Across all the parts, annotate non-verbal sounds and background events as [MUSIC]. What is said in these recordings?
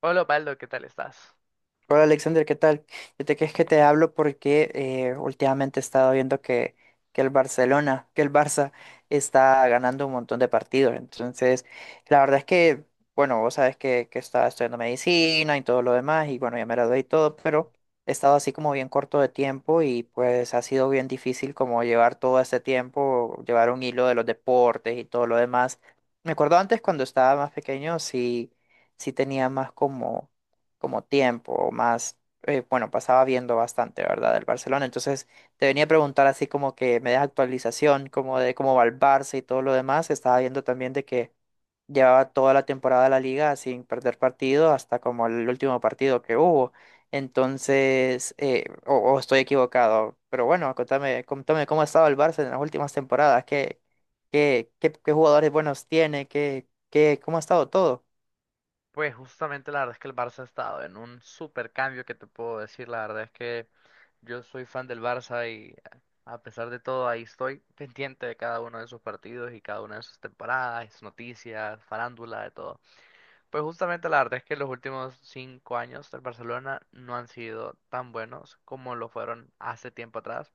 Hola, Osvaldo, ¿qué tal estás? Hola Alexander, ¿qué tal? Es que te hablo porque últimamente he estado viendo que el Barcelona, que el Barça está ganando un montón de partidos. Entonces, la verdad es que, bueno, vos sabes que estaba estudiando medicina y todo lo demás, y bueno, ya me gradué y todo, pero he estado así como bien corto de tiempo y pues ha sido bien difícil como llevar todo este tiempo, llevar un hilo de los deportes y todo lo demás. Me acuerdo antes cuando estaba más pequeño, sí, sí tenía más como tiempo o más, bueno, pasaba viendo bastante, ¿verdad? Del Barcelona. Entonces te venía a preguntar así como que me das actualización, como de cómo va el Barça y todo lo demás. Estaba viendo también de que llevaba toda la temporada de la liga sin perder partido hasta como el último partido que hubo. Entonces, o estoy equivocado, pero bueno, contame, contame cómo ha estado el Barça en las últimas temporadas, qué jugadores buenos tiene, cómo ha estado todo. Pues justamente la verdad es que el Barça ha estado en un super cambio que te puedo decir. La verdad es que yo soy fan del Barça y a pesar de todo ahí estoy pendiente de cada uno de sus partidos y cada una de sus temporadas, sus noticias, farándula, de todo. Pues justamente la verdad es que los últimos cinco años del Barcelona no han sido tan buenos como lo fueron hace tiempo atrás.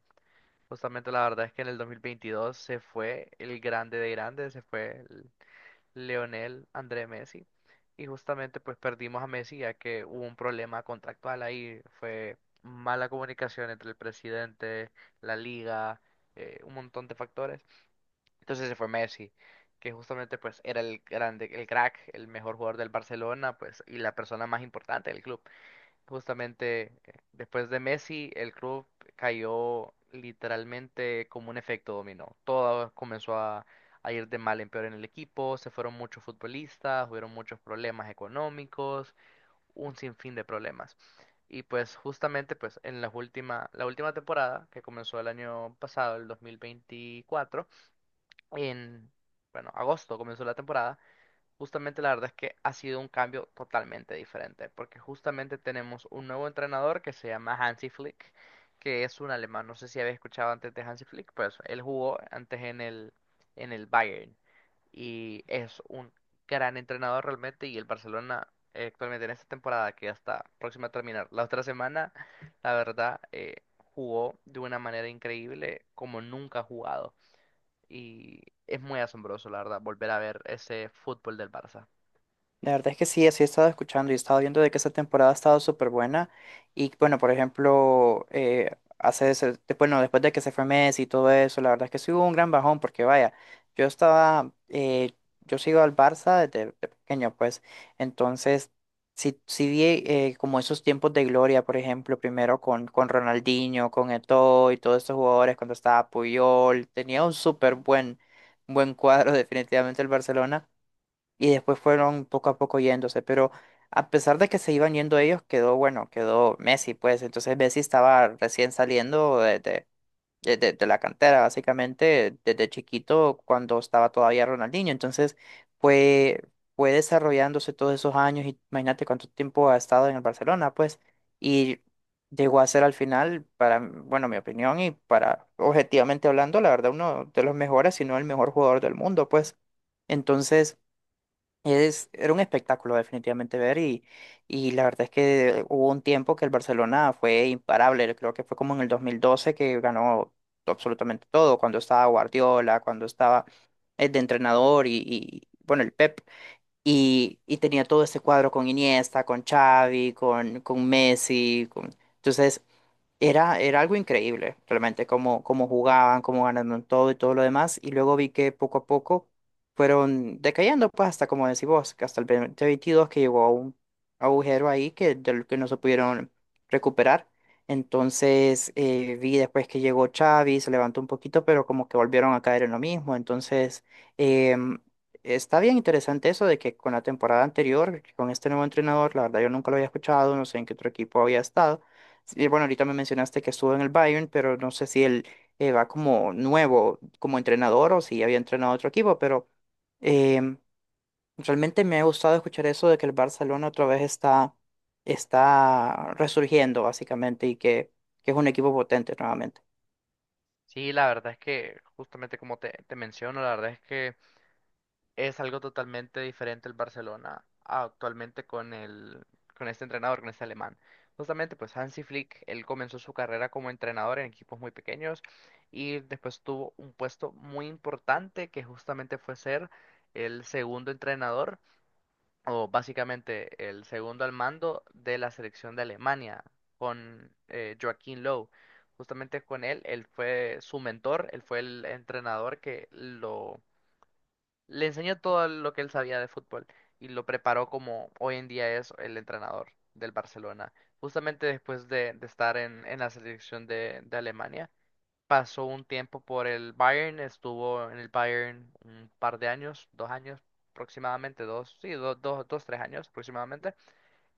Justamente la verdad es que en el 2022 se fue el grande de grandes, se fue Leonel, André Messi. Y justamente pues perdimos a Messi ya que hubo un problema contractual ahí. Fue mala comunicación entre el presidente, la liga, un montón de factores. Entonces se fue Messi, que justamente pues era el grande, el crack, el mejor jugador del Barcelona, pues, y la persona más importante del club. Justamente después de Messi, el club cayó literalmente como un efecto dominó. Todo comenzó a ir de mal en peor en el equipo, se fueron muchos futbolistas, hubieron muchos problemas económicos, un sinfín de problemas. Y pues justamente pues en la última temporada, que comenzó el año pasado, el 2024, en, bueno, agosto comenzó la temporada. Justamente la verdad es que ha sido un cambio totalmente diferente, porque justamente tenemos un nuevo entrenador que se llama Hansi Flick, que es un alemán. No sé si habéis escuchado antes de Hansi Flick, pues él jugó antes en el Bayern y es un gran entrenador realmente, y el Barcelona actualmente en esta temporada que ya está próxima a terminar la otra semana, la verdad jugó de una manera increíble como nunca ha jugado, y es muy asombroso la verdad volver a ver ese fútbol del Barça. La verdad es que sí, así he estado escuchando y he estado viendo de que esta temporada ha estado súper buena. Y bueno, por ejemplo, bueno, después de que se fue Messi y todo eso, la verdad es que sí hubo un gran bajón porque vaya, yo estaba, yo sigo al Barça desde de pequeño, pues, entonces sí, sí vi como esos tiempos de gloria, por ejemplo, primero con Ronaldinho, con Eto'o y todos estos jugadores cuando estaba Puyol, tenía un súper buen, buen cuadro [LAUGHS] definitivamente el Barcelona y después fueron poco a poco yéndose, pero a pesar de que se iban yendo ellos, quedó, bueno, quedó Messi, pues entonces Messi estaba recién saliendo de la cantera, básicamente desde chiquito cuando estaba todavía Ronaldinho, entonces fue, fue desarrollándose todos esos años, y imagínate cuánto tiempo ha estado en el Barcelona, pues, y llegó a ser al final, para, bueno, mi opinión y para, objetivamente hablando, la verdad, uno de los mejores, si no el mejor jugador del mundo, pues. Entonces, era un espectáculo definitivamente ver y la verdad es que hubo un tiempo que el Barcelona fue imparable, creo que fue como en el 2012 que ganó absolutamente todo, cuando estaba Guardiola, cuando estaba el de entrenador y, bueno, el Pep, y tenía todo ese cuadro con Iniesta, con Xavi, con Messi, con... entonces era algo increíble, realmente, cómo jugaban, cómo ganaron todo y todo lo demás. Y luego vi que poco a poco fueron decayendo, pues hasta como decís vos, que hasta el 2022 que llegó a un agujero ahí que, del que no se pudieron recuperar. Entonces vi después que llegó Xavi, se levantó un poquito, pero como que volvieron a caer en lo mismo. Entonces em, está bien interesante eso de que con la temporada anterior, con este nuevo entrenador, la verdad yo nunca lo había escuchado, no sé en qué otro equipo había estado. Sí, bueno, ahorita me mencionaste que estuvo en el Bayern, pero no sé si él va como nuevo, como entrenador o si había entrenado a otro equipo, pero em, realmente me ha gustado escuchar eso de que el Barcelona otra vez está, está resurgiendo básicamente y que es un equipo potente nuevamente. Sí, la verdad es que justamente como te menciono, la verdad es que es algo totalmente diferente el Barcelona actualmente con con este entrenador, con este alemán. Justamente, pues Hansi Flick, él comenzó su carrera como entrenador en equipos muy pequeños, y después tuvo un puesto muy importante que justamente fue ser el segundo entrenador o básicamente el segundo al mando de la selección de Alemania, con Joachim Löw. Justamente con él, él fue su mentor, él fue el entrenador que lo le enseñó todo lo que él sabía de fútbol y lo preparó como hoy en día es el entrenador del Barcelona. Justamente después de estar en la selección de Alemania, pasó un tiempo por el Bayern, estuvo en el Bayern un par de años, dos años aproximadamente, dos, sí, tres años aproximadamente.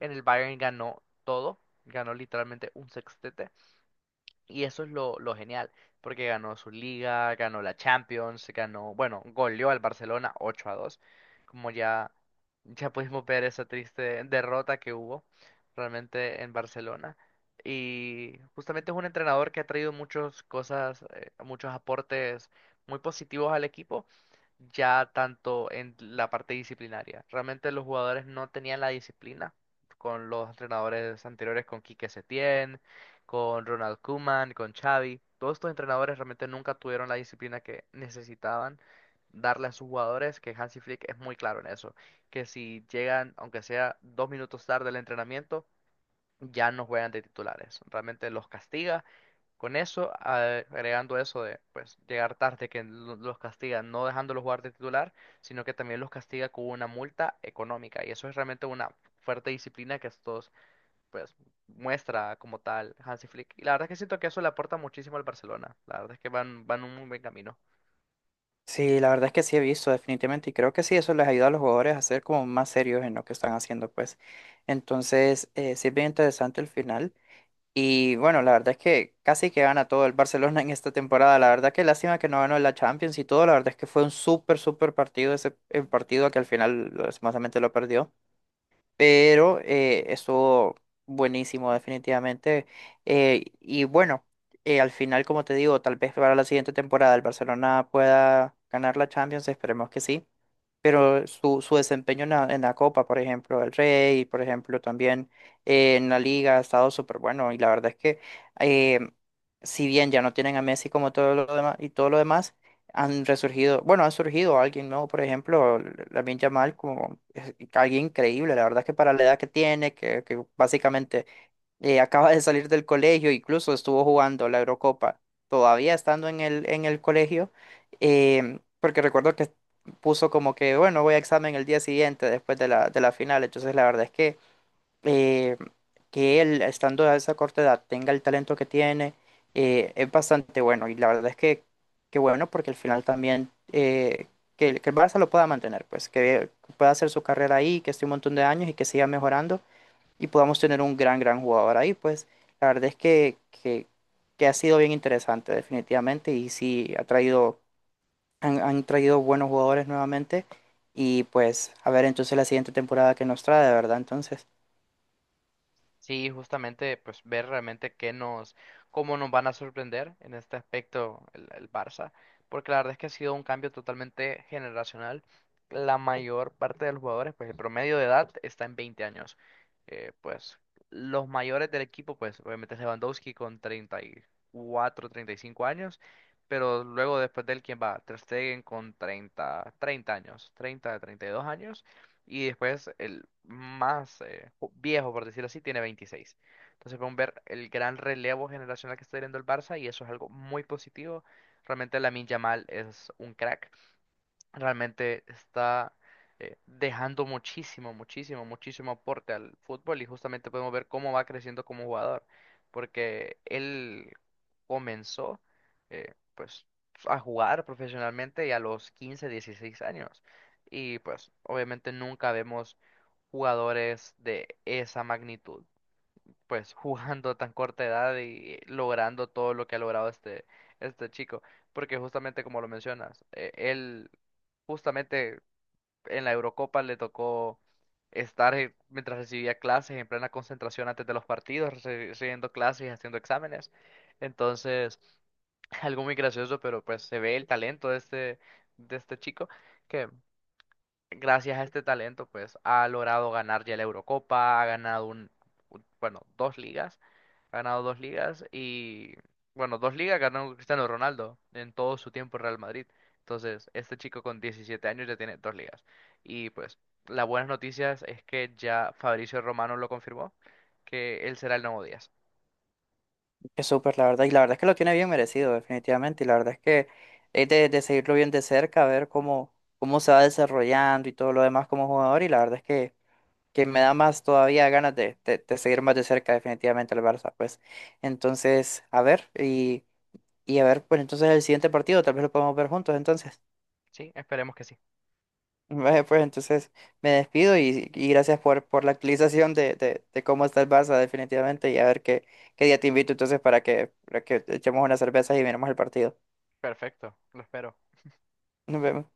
En el Bayern ganó todo, ganó literalmente un sextete. Y eso es lo genial, porque ganó su liga, ganó la Champions, ganó, bueno, goleó al Barcelona 8 a dos. Como ya, ya pudimos ver esa triste derrota que hubo realmente en Barcelona. Y justamente es un entrenador que ha traído muchas cosas, muchos aportes muy positivos al equipo, ya tanto en la parte disciplinaria. Realmente los jugadores no tenían la disciplina con los entrenadores anteriores, con Quique Setién, con Ronald Koeman, con Xavi. Todos estos entrenadores realmente nunca tuvieron la disciplina que necesitaban darle a sus jugadores, que Hansi Flick es muy claro en eso, que si llegan, aunque sea dos minutos tarde al entrenamiento, ya no juegan de titulares. Realmente los castiga con eso, agregando eso de pues llegar tarde, que los castiga no dejándolos jugar de titular, sino que también los castiga con una multa económica. Y eso es realmente una fuerte disciplina que estos pues muestra como tal Hansi Flick. Y la verdad es que siento que eso le aporta muchísimo al Barcelona. La verdad es que van un muy buen camino. Sí, la verdad es que sí he visto definitivamente y creo que sí, eso les ayuda a los jugadores a ser como más serios en lo que están haciendo, pues. Entonces, sí es bien interesante el final. Y bueno, la verdad es que casi que gana todo el Barcelona en esta temporada. La verdad que lástima que no ganó la Champions y todo. La verdad es que fue un súper, súper partido ese el partido que al final lastimosamente lo perdió. Pero estuvo buenísimo definitivamente. Y bueno, al final, como te digo, tal vez para la siguiente temporada el Barcelona pueda ganar la Champions. Esperemos que sí, pero su desempeño en la Copa, por ejemplo, del Rey, por ejemplo, también en la Liga ha estado súper bueno. Y la verdad es que, eh, si bien ya no tienen a Messi como todo lo demás y todo lo demás, bueno, han surgido alguien nuevo, por ejemplo, Lamine Yamal, como es alguien increíble. La verdad es que para la edad que tiene, que básicamente acaba de salir del colegio, incluso estuvo jugando la Eurocopa, todavía estando en el colegio, porque recuerdo que puso como que, bueno, voy a examen el día siguiente después de la final, entonces la verdad es que em, que él, estando a esa corta edad, tenga el talento que tiene, es bastante bueno, y la verdad es que bueno, porque al final también... que el, que el Barça lo pueda mantener, pues que pueda hacer su carrera ahí, que esté un montón de años y que siga mejorando y podamos tener un gran, gran jugador ahí. Pues la verdad es que ha sido bien interesante definitivamente y sí ha traído, han traído buenos jugadores nuevamente y pues a ver entonces la siguiente temporada que nos trae, de verdad. Entonces, Sí, justamente, pues ver realmente cómo nos van a sorprender en este aspecto el Barça, porque la verdad es que ha sido un cambio totalmente generacional. La mayor parte de los jugadores, pues el promedio de edad está en 20 años. Pues los mayores del equipo, pues obviamente es Lewandowski con 34, 35 años, pero luego después de él, ¿quién va? Ter Stegen con 30, 30 años, 30, 32 años. Y después el más viejo, por decirlo así, tiene 26. Entonces podemos ver el gran relevo generacional que está teniendo el Barça, y eso es algo muy positivo. Realmente Lamine Yamal es un crack, realmente está dejando muchísimo, muchísimo, muchísimo aporte al fútbol, y justamente podemos ver cómo va creciendo como jugador, porque él comenzó pues a jugar profesionalmente y a los 15, 16 años, y pues obviamente nunca vemos jugadores de esa magnitud pues jugando a tan corta edad y logrando todo lo que ha logrado este chico. Porque justamente como lo mencionas, él justamente en la Eurocopa le tocó estar mientras recibía clases en plena concentración antes de los partidos, recibiendo clases y haciendo exámenes. Entonces, [LAUGHS] algo muy gracioso, pero pues se ve el talento de de este chico. Que gracias a este talento, pues ha logrado ganar ya la Eurocopa, ha ganado bueno, dos ligas, ha ganado dos ligas, y, bueno, dos ligas ganó Cristiano Ronaldo en todo su tiempo en Real Madrid. Entonces, este chico con 17 años ya tiene dos ligas. Y pues, las buenas noticias es que ya Fabricio Romano lo confirmó, que él será el nuevo Díaz. es súper la verdad y la verdad es que lo tiene bien merecido definitivamente y la verdad es que es de seguirlo bien de cerca, ver cómo, cómo se va desarrollando y todo lo demás como jugador y la verdad es que me da más todavía ganas de, de seguir más de cerca definitivamente al Barça, pues. Entonces, a ver, y a ver, pues entonces el siguiente partido, tal vez lo podemos ver juntos, entonces. Sí, esperemos que sí. [LAUGHS] Vale, pues entonces me despido y gracias por la actualización de cómo está el Barça definitivamente y a ver qué, qué día te invito entonces para que echemos unas cervezas y miremos el partido. Perfecto, lo espero. Nos vemos.